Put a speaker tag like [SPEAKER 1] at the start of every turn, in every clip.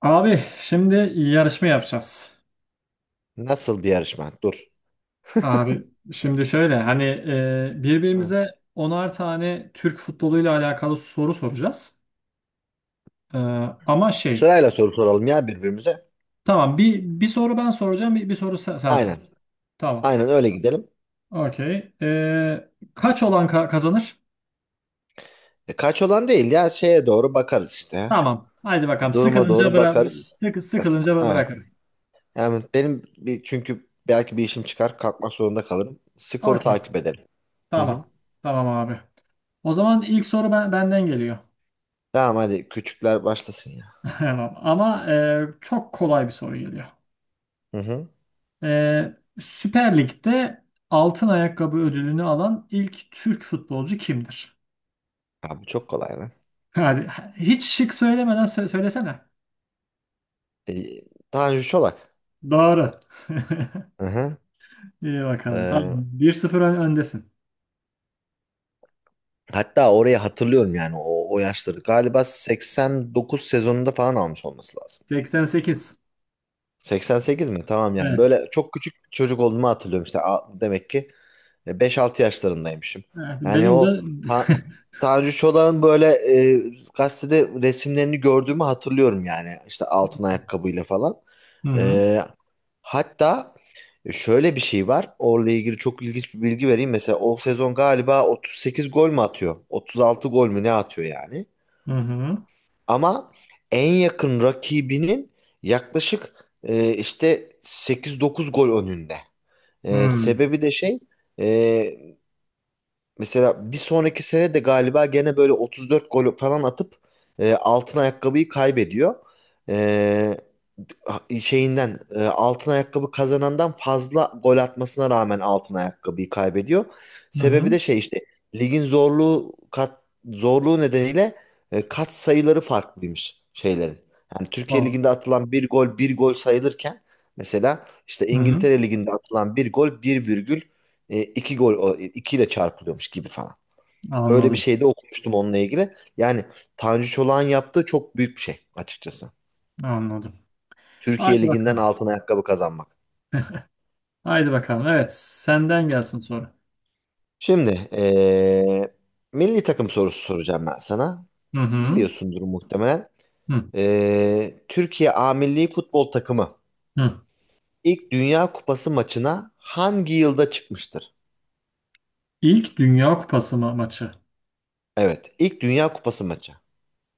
[SPEAKER 1] Abi şimdi yarışma yapacağız.
[SPEAKER 2] Nasıl bir yarışma? Dur.
[SPEAKER 1] Abi şimdi şöyle hani
[SPEAKER 2] Ha.
[SPEAKER 1] birbirimize onar tane Türk futboluyla alakalı soru soracağız. E, ama şey
[SPEAKER 2] Sırayla soru soralım ya birbirimize.
[SPEAKER 1] tamam, bir soru ben soracağım, bir soru sen sor.
[SPEAKER 2] Aynen.
[SPEAKER 1] Tamam.
[SPEAKER 2] Aynen öyle gidelim.
[SPEAKER 1] Okey. Kaç olan kazanır?
[SPEAKER 2] Kaç olan değil ya şeye doğru bakarız işte.
[SPEAKER 1] Tamam. Haydi bakalım,
[SPEAKER 2] Duruma
[SPEAKER 1] sıkılınca
[SPEAKER 2] doğru bakarız. Aynen.
[SPEAKER 1] bırakırız.
[SPEAKER 2] Yani çünkü belki bir işim çıkar kalkmak zorunda kalırım. Skoru
[SPEAKER 1] Okey.
[SPEAKER 2] takip edelim. Hı hı.
[SPEAKER 1] Tamam. Tamam abi. O zaman ilk soru benden geliyor.
[SPEAKER 2] Tamam hadi küçükler başlasın ya.
[SPEAKER 1] Tamam. Ama çok kolay bir soru geliyor.
[SPEAKER 2] Hı hı.
[SPEAKER 1] Ee, Süper Lig'de altın ayakkabı ödülünü alan ilk Türk futbolcu kimdir?
[SPEAKER 2] Ya bu çok kolay lan.
[SPEAKER 1] Hadi, hiç şık söylemeden söylesene.
[SPEAKER 2] E, Tanju Çolak.
[SPEAKER 1] Doğru.
[SPEAKER 2] Hı hı.
[SPEAKER 1] İyi bakalım. Tamam.
[SPEAKER 2] E,
[SPEAKER 1] Bir sıfır öndesin.
[SPEAKER 2] hatta orayı hatırlıyorum yani o yaşları. Galiba 89 sezonunda falan almış olması lazım.
[SPEAKER 1] 88.
[SPEAKER 2] 88 mi? Tamam yani.
[SPEAKER 1] Evet.
[SPEAKER 2] Böyle çok küçük bir çocuk olduğumu hatırlıyorum işte. Demek ki beş altı yaşlarındaymışım.
[SPEAKER 1] Evet.
[SPEAKER 2] Yani
[SPEAKER 1] Benim de.
[SPEAKER 2] o Ta Tanju Çolak'ın böyle gazetede resimlerini gördüğümü hatırlıyorum yani. İşte altın ayakkabıyla falan.
[SPEAKER 1] Hı hı.
[SPEAKER 2] E, hatta şöyle bir şey var. Orla ilgili çok ilginç bir bilgi vereyim. Mesela o sezon galiba 38 gol mü atıyor? 36 gol mü ne atıyor yani?
[SPEAKER 1] Hı hı.
[SPEAKER 2] Ama en yakın rakibinin yaklaşık işte sekiz dokuz gol önünde.
[SPEAKER 1] Hı
[SPEAKER 2] E,
[SPEAKER 1] hı.
[SPEAKER 2] sebebi de şey e, Mesela bir sonraki sene de galiba gene böyle 34 gol falan atıp altın ayakkabıyı kaybediyor. E, şeyinden altın ayakkabı kazanandan fazla gol atmasına rağmen altın ayakkabıyı kaybediyor. Sebebi
[SPEAKER 1] Hı.
[SPEAKER 2] de şey işte ligin zorluğu zorluğu nedeniyle kat sayıları farklıymış şeylerin. Yani Türkiye
[SPEAKER 1] Tamam.
[SPEAKER 2] Ligi'nde atılan bir gol bir gol sayılırken mesela işte
[SPEAKER 1] Hı hı.
[SPEAKER 2] İngiltere Ligi'nde atılan bir gol bir virgül iki gol ikiyle çarpılıyormuş gibi falan. Öyle bir
[SPEAKER 1] Anladım.
[SPEAKER 2] şey de okumuştum onunla ilgili. Yani Tanju Çolak'ın yaptığı çok büyük bir şey açıkçası.
[SPEAKER 1] Anladım. Haydi
[SPEAKER 2] Türkiye Ligi'nden
[SPEAKER 1] bakalım.
[SPEAKER 2] altın ayakkabı kazanmak.
[SPEAKER 1] Haydi bakalım. Evet. Senden gelsin soru.
[SPEAKER 2] Şimdi milli takım sorusu soracağım ben sana.
[SPEAKER 1] Hı hı.
[SPEAKER 2] Biliyorsundur muhtemelen.
[SPEAKER 1] Hı
[SPEAKER 2] Türkiye A Milli Futbol Takımı
[SPEAKER 1] hı.
[SPEAKER 2] ilk Dünya Kupası maçına hangi yılda çıkmıştır?
[SPEAKER 1] İlk Dünya Kupası maçı.
[SPEAKER 2] Evet, ilk Dünya Kupası maçı.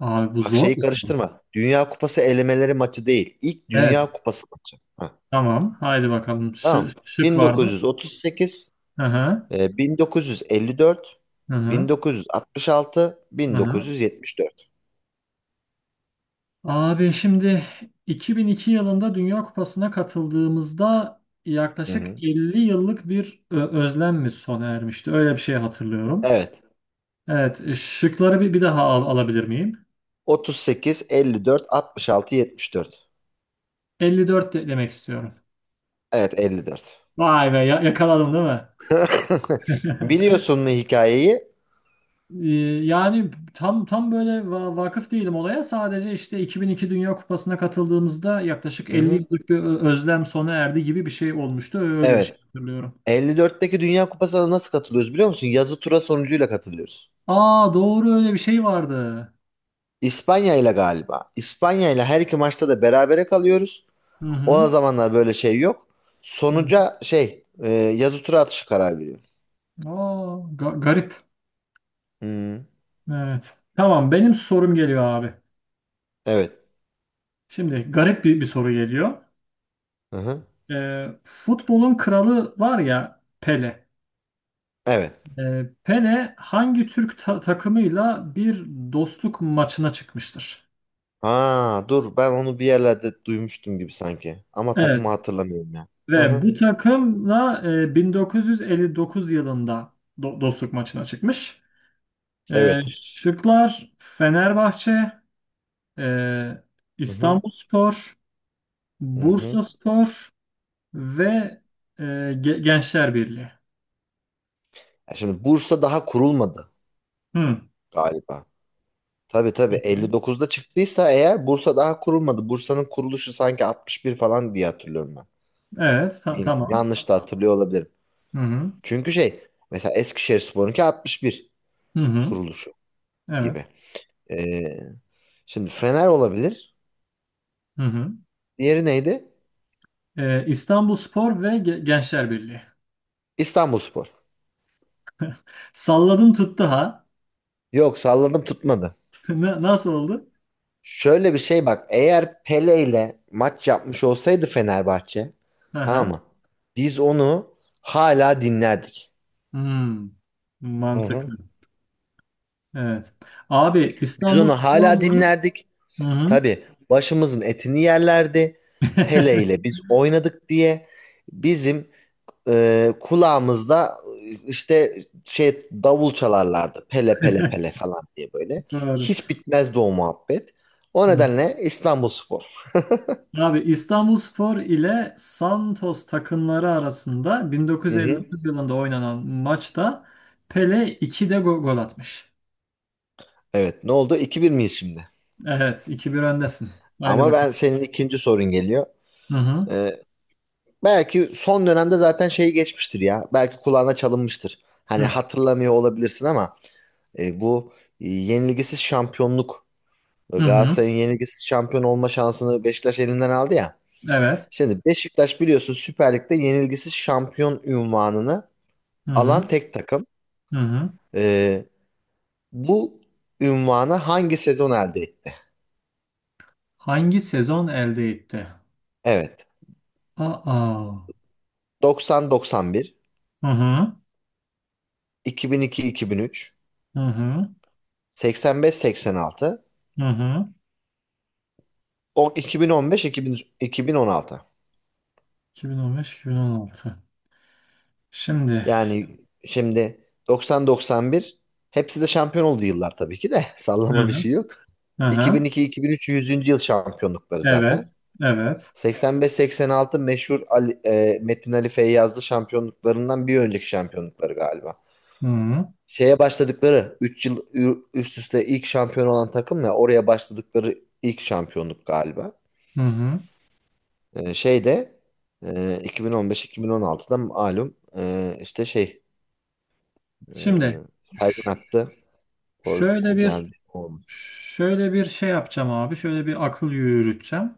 [SPEAKER 1] Abi bu
[SPEAKER 2] Bak
[SPEAKER 1] zor
[SPEAKER 2] şeyi
[SPEAKER 1] bir soru.
[SPEAKER 2] karıştırma. Dünya Kupası elemeleri maçı değil. İlk
[SPEAKER 1] Evet.
[SPEAKER 2] Dünya Kupası maçı. Heh.
[SPEAKER 1] Tamam. Haydi bakalım.
[SPEAKER 2] Tamam.
[SPEAKER 1] Şık var mı?
[SPEAKER 2] 1938,
[SPEAKER 1] Hı hı.
[SPEAKER 2] 1954,
[SPEAKER 1] Hı hı.
[SPEAKER 2] 1966,
[SPEAKER 1] Hı hı.
[SPEAKER 2] 1974.
[SPEAKER 1] Abi şimdi 2002 yılında Dünya Kupası'na katıldığımızda
[SPEAKER 2] Hı
[SPEAKER 1] yaklaşık
[SPEAKER 2] hı.
[SPEAKER 1] 50 yıllık bir özlem mi sona ermişti? Öyle bir şey hatırlıyorum.
[SPEAKER 2] Evet.
[SPEAKER 1] Evet. Şıkları bir daha alabilir miyim?
[SPEAKER 2] 38, 54, 66, 74.
[SPEAKER 1] 54 demek istiyorum.
[SPEAKER 2] Evet, 54.
[SPEAKER 1] Vay be, yakaladım değil mi?
[SPEAKER 2] Biliyorsun mu hikayeyi?
[SPEAKER 1] Ee, yani tam böyle vakıf değilim olaya. Sadece işte 2002 Dünya Kupası'na katıldığımızda yaklaşık
[SPEAKER 2] Hı
[SPEAKER 1] 50
[SPEAKER 2] hı.
[SPEAKER 1] yıllık bir özlem sona erdi gibi bir şey olmuştu. Öyle bir şey
[SPEAKER 2] Evet.
[SPEAKER 1] hatırlıyorum.
[SPEAKER 2] 54'teki Dünya Kupası'na nasıl katılıyoruz biliyor musun? Yazı tura sonucuyla katılıyoruz.
[SPEAKER 1] Aa, doğru, öyle bir şey vardı.
[SPEAKER 2] İspanya ile galiba. İspanya ile her iki maçta da berabere kalıyoruz.
[SPEAKER 1] Hı
[SPEAKER 2] O
[SPEAKER 1] hı.
[SPEAKER 2] zamanlar böyle şey yok.
[SPEAKER 1] Hı.
[SPEAKER 2] Sonuca şey yazı tura atışı karar veriyor.
[SPEAKER 1] Aa, garip.
[SPEAKER 2] Hmm,
[SPEAKER 1] Evet. Tamam, benim sorum geliyor abi.
[SPEAKER 2] evet.
[SPEAKER 1] Şimdi garip bir soru geliyor.
[SPEAKER 2] Hı-hı.
[SPEAKER 1] Futbolun kralı var ya, Pele.
[SPEAKER 2] Evet.
[SPEAKER 1] Pele hangi Türk takımıyla bir dostluk maçına çıkmıştır?
[SPEAKER 2] Ha dur ben onu bir yerlerde duymuştum gibi sanki. Ama
[SPEAKER 1] Evet,
[SPEAKER 2] takımı hatırlamıyorum ya.
[SPEAKER 1] ve
[SPEAKER 2] Hı-hı.
[SPEAKER 1] bu takımla 1959 yılında dostluk maçına çıkmış. E,
[SPEAKER 2] Evet.
[SPEAKER 1] şıklar Fenerbahçe, e,
[SPEAKER 2] Hı-hı.
[SPEAKER 1] İstanbulspor,
[SPEAKER 2] Hı-hı.
[SPEAKER 1] Bursaspor ve e, Gençler Birliği.
[SPEAKER 2] Ya şimdi Bursa daha kurulmadı
[SPEAKER 1] Hı,
[SPEAKER 2] galiba. Tabii tabii 59'da çıktıysa eğer Bursa daha kurulmadı. Bursa'nın kuruluşu sanki 61 falan diye hatırlıyorum ben.
[SPEAKER 1] evet,
[SPEAKER 2] Bilmiyorum.
[SPEAKER 1] tamam.
[SPEAKER 2] Yanlış da hatırlıyor olabilirim.
[SPEAKER 1] Hı hı.
[SPEAKER 2] Çünkü şey mesela Eskişehirspor'unki 61
[SPEAKER 1] Hı hı.
[SPEAKER 2] kuruluşu gibi.
[SPEAKER 1] Evet.
[SPEAKER 2] Ee, Şimdi Fener olabilir.
[SPEAKER 1] Hı hı.
[SPEAKER 2] Diğeri neydi?
[SPEAKER 1] İstanbulspor ve Gençler Birliği.
[SPEAKER 2] İstanbulspor.
[SPEAKER 1] Salladın tuttu ha.
[SPEAKER 2] Yok salladım tutmadı.
[SPEAKER 1] Nasıl oldu?
[SPEAKER 2] Şöyle bir şey bak. Eğer Pele ile maç yapmış olsaydı Fenerbahçe tamam
[SPEAKER 1] Aha.
[SPEAKER 2] mı? Biz onu hala dinlerdik.
[SPEAKER 1] Hmm.
[SPEAKER 2] Hı hı.
[SPEAKER 1] Mantıklı. Evet. Abi
[SPEAKER 2] Biz
[SPEAKER 1] İstanbul
[SPEAKER 2] onu hala
[SPEAKER 1] Spor'la.
[SPEAKER 2] dinlerdik.
[SPEAKER 1] Hı hı.
[SPEAKER 2] Tabii başımızın etini yerlerdi. Pele ile biz oynadık diye bizim kulağımızda işte şey davul çalarlardı pele pele pele falan diye böyle.
[SPEAKER 1] Doğru.
[SPEAKER 2] Hiç bitmezdi o muhabbet. O
[SPEAKER 1] Hı.
[SPEAKER 2] nedenle İstanbulspor.
[SPEAKER 1] Abi İstanbul Spor ile Santos takımları arasında
[SPEAKER 2] Hı hı.
[SPEAKER 1] 1959 yılında oynanan maçta Pele 2'de gol atmış.
[SPEAKER 2] Evet ne oldu? 2 bir miyiz şimdi?
[SPEAKER 1] Evet, iki bir öndesin. Haydi
[SPEAKER 2] Ama ben
[SPEAKER 1] bakalım.
[SPEAKER 2] senin ikinci sorun geliyor.
[SPEAKER 1] Hı hı.
[SPEAKER 2] Ee, belki son dönemde zaten şeyi geçmiştir ya. Belki kulağına çalınmıştır. Hani
[SPEAKER 1] Hı
[SPEAKER 2] hatırlamıyor olabilirsin ama bu yenilgisiz şampiyonluk
[SPEAKER 1] hı. Hı.
[SPEAKER 2] Galatasaray'ın yenilgisiz şampiyon olma şansını Beşiktaş elinden aldı ya.
[SPEAKER 1] Evet.
[SPEAKER 2] Şimdi Beşiktaş biliyorsun Süper Lig'de yenilgisiz şampiyon ünvanını
[SPEAKER 1] Hı hı.
[SPEAKER 2] alan tek takım.
[SPEAKER 1] Hı hı.
[SPEAKER 2] Ee, bu ünvanı hangi sezon elde etti?
[SPEAKER 1] Hangi sezon elde etti?
[SPEAKER 2] Evet.
[SPEAKER 1] Aa.
[SPEAKER 2] 90-91,
[SPEAKER 1] Hı hı.
[SPEAKER 2] 2002-2003,
[SPEAKER 1] Hı hı.
[SPEAKER 2] 85-86,
[SPEAKER 1] Hı hı.
[SPEAKER 2] 2015-2016.
[SPEAKER 1] 2015-2016. Şimdi.
[SPEAKER 2] Yani şimdi 90-91 hepsi de şampiyon oldu yıllar tabii ki de. Sallama bir
[SPEAKER 1] Hı.
[SPEAKER 2] şey yok.
[SPEAKER 1] Hı hı.
[SPEAKER 2] 2002-2003 yüzüncü yıl şampiyonlukları
[SPEAKER 1] Evet.
[SPEAKER 2] zaten.
[SPEAKER 1] Evet.
[SPEAKER 2] 85-86 meşhur Metin Ali Feyyazlı şampiyonluklarından bir önceki şampiyonlukları galiba.
[SPEAKER 1] Hı hı.
[SPEAKER 2] Şeye başladıkları 3 yıl üst üste ilk şampiyon olan takım ya oraya başladıkları ilk şampiyonluk galiba.
[SPEAKER 1] Hı hı.
[SPEAKER 2] Şeyde e, 2015-2016'da malum işte şey e,
[SPEAKER 1] Şimdi ş-
[SPEAKER 2] Sergen attı. Gol,
[SPEAKER 1] şöyle
[SPEAKER 2] o geldi.
[SPEAKER 1] bir
[SPEAKER 2] O.
[SPEAKER 1] şöyle bir şey yapacağım abi. Şöyle bir akıl yürüteceğim.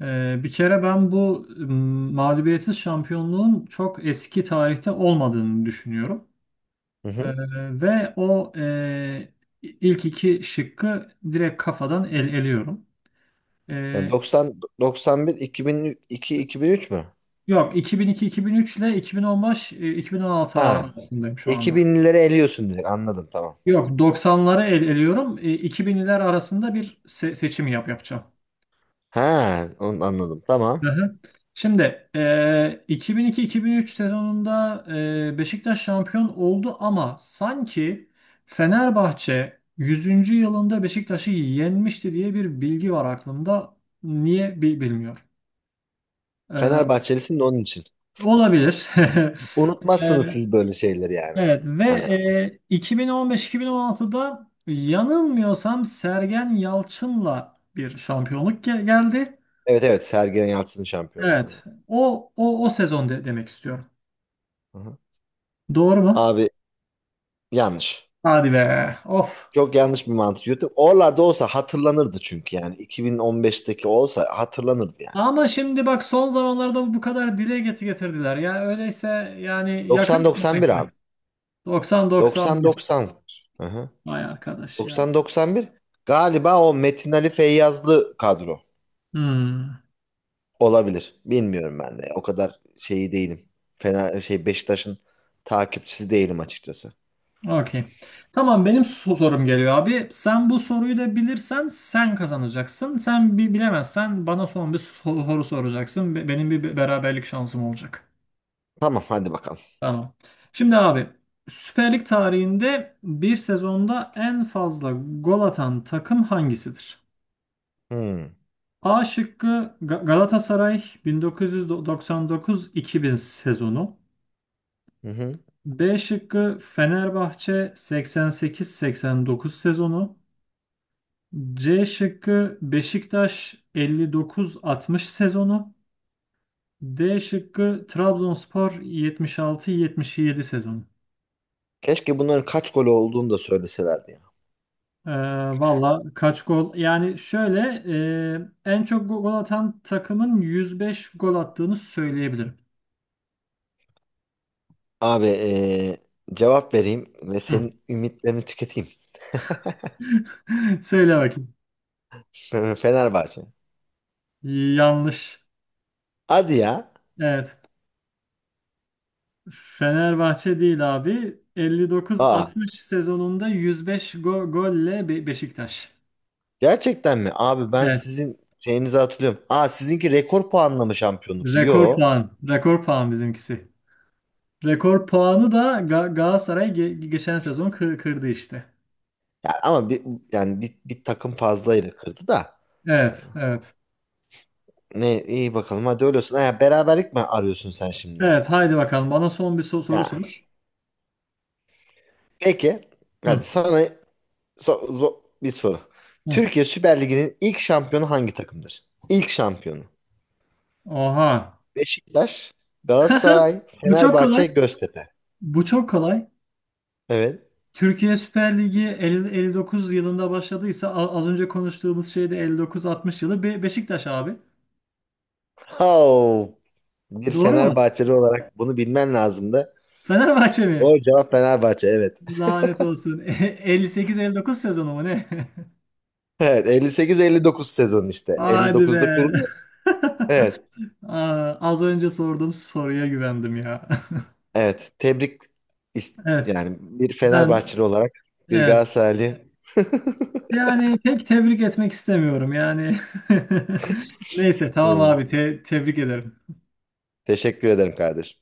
[SPEAKER 1] Bir kere ben bu mağlubiyetsiz şampiyonluğun çok eski tarihte olmadığını düşünüyorum.
[SPEAKER 2] Hı
[SPEAKER 1] Ee,
[SPEAKER 2] hı.
[SPEAKER 1] ve o ilk iki şıkkı direkt kafadan el eliyorum.
[SPEAKER 2] Yani
[SPEAKER 1] Ee,
[SPEAKER 2] 90 91 2002 2003 mü?
[SPEAKER 1] yok 2002-2003 ile 2015-2016
[SPEAKER 2] Ha.
[SPEAKER 1] arasındayım şu anda.
[SPEAKER 2] 2000'leri eliyorsun direkt anladım tamam.
[SPEAKER 1] Yok, 90'ları el eliyorum. 2000'ler arasında bir seçim yapacağım.
[SPEAKER 2] Ha, onu anladım. Tamam.
[SPEAKER 1] Hı hı. Şimdi 2002-2003 sezonunda Beşiktaş şampiyon oldu, ama sanki Fenerbahçe 100. yılında Beşiktaş'ı yenmişti diye bir bilgi var aklımda. Niye bilmiyor. E,
[SPEAKER 2] Fenerbahçelisin de onun için.
[SPEAKER 1] olabilir.
[SPEAKER 2] Unutmazsınız siz böyle şeyleri yani.
[SPEAKER 1] Evet, ve
[SPEAKER 2] Hani
[SPEAKER 1] 2015-2016'da yanılmıyorsam Sergen Yalçın'la bir şampiyonluk geldi.
[SPEAKER 2] evet evet Sergen Yalçın'ın şampiyonluğu.
[SPEAKER 1] Evet. O sezon demek istiyorum.
[SPEAKER 2] Hı hı.
[SPEAKER 1] Doğru mu?
[SPEAKER 2] Abi yanlış.
[SPEAKER 1] Hadi be. Of.
[SPEAKER 2] Çok yanlış bir mantık yürüttüm. Oralarda olsa hatırlanırdı çünkü yani. 2015'teki olsa hatırlanırdı yani.
[SPEAKER 1] Ama şimdi bak, son zamanlarda bu kadar dile getirdiler. Ya öyleyse yani yakın bir
[SPEAKER 2] 90-91 abi.
[SPEAKER 1] tarihte. 90-91.
[SPEAKER 2] 90-90. Hı hı.
[SPEAKER 1] Vay arkadaş ya.
[SPEAKER 2] 90-91 galiba o Metin Ali Feyyazlı kadro.
[SPEAKER 1] Hmm.
[SPEAKER 2] Olabilir. Bilmiyorum ben de. O kadar şeyi değilim. Fena şey Beşiktaş'ın takipçisi değilim açıkçası.
[SPEAKER 1] Okey. Tamam, benim sorum geliyor abi. Sen bu soruyu da bilirsen sen kazanacaksın. Sen bilemezsen bana son bir soru soracaksın. Benim bir beraberlik şansım olacak.
[SPEAKER 2] Tamam hadi bakalım.
[SPEAKER 1] Tamam. Şimdi abi, Süper Lig tarihinde bir sezonda en fazla gol atan takım hangisidir?
[SPEAKER 2] Hmm.
[SPEAKER 1] A şıkkı Galatasaray 1999-2000 sezonu.
[SPEAKER 2] Hı hı.
[SPEAKER 1] B şıkkı Fenerbahçe 88-89 sezonu. C şıkkı Beşiktaş 59-60 sezonu. D şıkkı Trabzonspor 76-77 sezonu.
[SPEAKER 2] Keşke bunların kaç golü olduğunu da söyleselerdi ya.
[SPEAKER 1] Ee, valla kaç gol? Yani şöyle en çok gol atan takımın 105 gol attığını söyleyebilirim.
[SPEAKER 2] Abi cevap vereyim ve
[SPEAKER 1] Hı.
[SPEAKER 2] senin ümitlerini tüketeyim.
[SPEAKER 1] Söyle bakayım.
[SPEAKER 2] Fenerbahçe.
[SPEAKER 1] Yanlış.
[SPEAKER 2] Hadi ya.
[SPEAKER 1] Evet. Fenerbahçe değil abi.
[SPEAKER 2] Aa
[SPEAKER 1] 59-60 sezonunda 105 golle Beşiktaş.
[SPEAKER 2] gerçekten mi? Abi ben
[SPEAKER 1] Evet.
[SPEAKER 2] sizin şeyinizi hatırlıyorum. Aa sizinki rekor puanla mı şampiyonluktu?
[SPEAKER 1] Rekor
[SPEAKER 2] Yo.
[SPEAKER 1] puan. Rekor puan bizimkisi. Rekor puanı da Galatasaray geçen sezon kırdı işte.
[SPEAKER 2] Ya ama yani bir takım fazlayla kırdı da.
[SPEAKER 1] Evet, evet.
[SPEAKER 2] Ne iyi bakalım hadi öyle olsun. Ha, beraberlik mi arıyorsun sen şimdi?
[SPEAKER 1] Evet, haydi bakalım. Bana son bir soru
[SPEAKER 2] Ya
[SPEAKER 1] sor.
[SPEAKER 2] peki.
[SPEAKER 1] Hı,
[SPEAKER 2] Hadi sana bir soru.
[SPEAKER 1] hı.
[SPEAKER 2] Türkiye Süper Ligi'nin ilk şampiyonu hangi takımdır? İlk şampiyonu.
[SPEAKER 1] Oha.
[SPEAKER 2] Beşiktaş, Galatasaray,
[SPEAKER 1] Bu çok kolay.
[SPEAKER 2] Fenerbahçe, Göztepe.
[SPEAKER 1] Bu çok kolay.
[SPEAKER 2] Evet.
[SPEAKER 1] Türkiye Süper Ligi 50 59 yılında başladıysa, az önce konuştuğumuz şey de 59-60 yılı Beşiktaş abi.
[SPEAKER 2] Oh, bir
[SPEAKER 1] Doğru mu?
[SPEAKER 2] Fenerbahçeli olarak bunu bilmen lazımdı.
[SPEAKER 1] Fenerbahçe mi?
[SPEAKER 2] Doğru cevap Fenerbahçe evet.
[SPEAKER 1] Lanet olsun. 58-59 sezonu mu ne?
[SPEAKER 2] Evet 58-59 sezon işte.
[SPEAKER 1] Hadi
[SPEAKER 2] 59'da
[SPEAKER 1] be.
[SPEAKER 2] kuruluyor. Evet.
[SPEAKER 1] Aa, az önce sorduğum soruya güvendim ya.
[SPEAKER 2] Evet, tebrik is-
[SPEAKER 1] Evet.
[SPEAKER 2] yani bir
[SPEAKER 1] Ben,
[SPEAKER 2] Fenerbahçeli olarak bir
[SPEAKER 1] evet.
[SPEAKER 2] Galatasaraylı.
[SPEAKER 1] Yani pek tebrik etmek istemiyorum. Yani neyse tamam
[SPEAKER 2] Hı.
[SPEAKER 1] abi, tebrik ederim.
[SPEAKER 2] Teşekkür ederim kardeşim.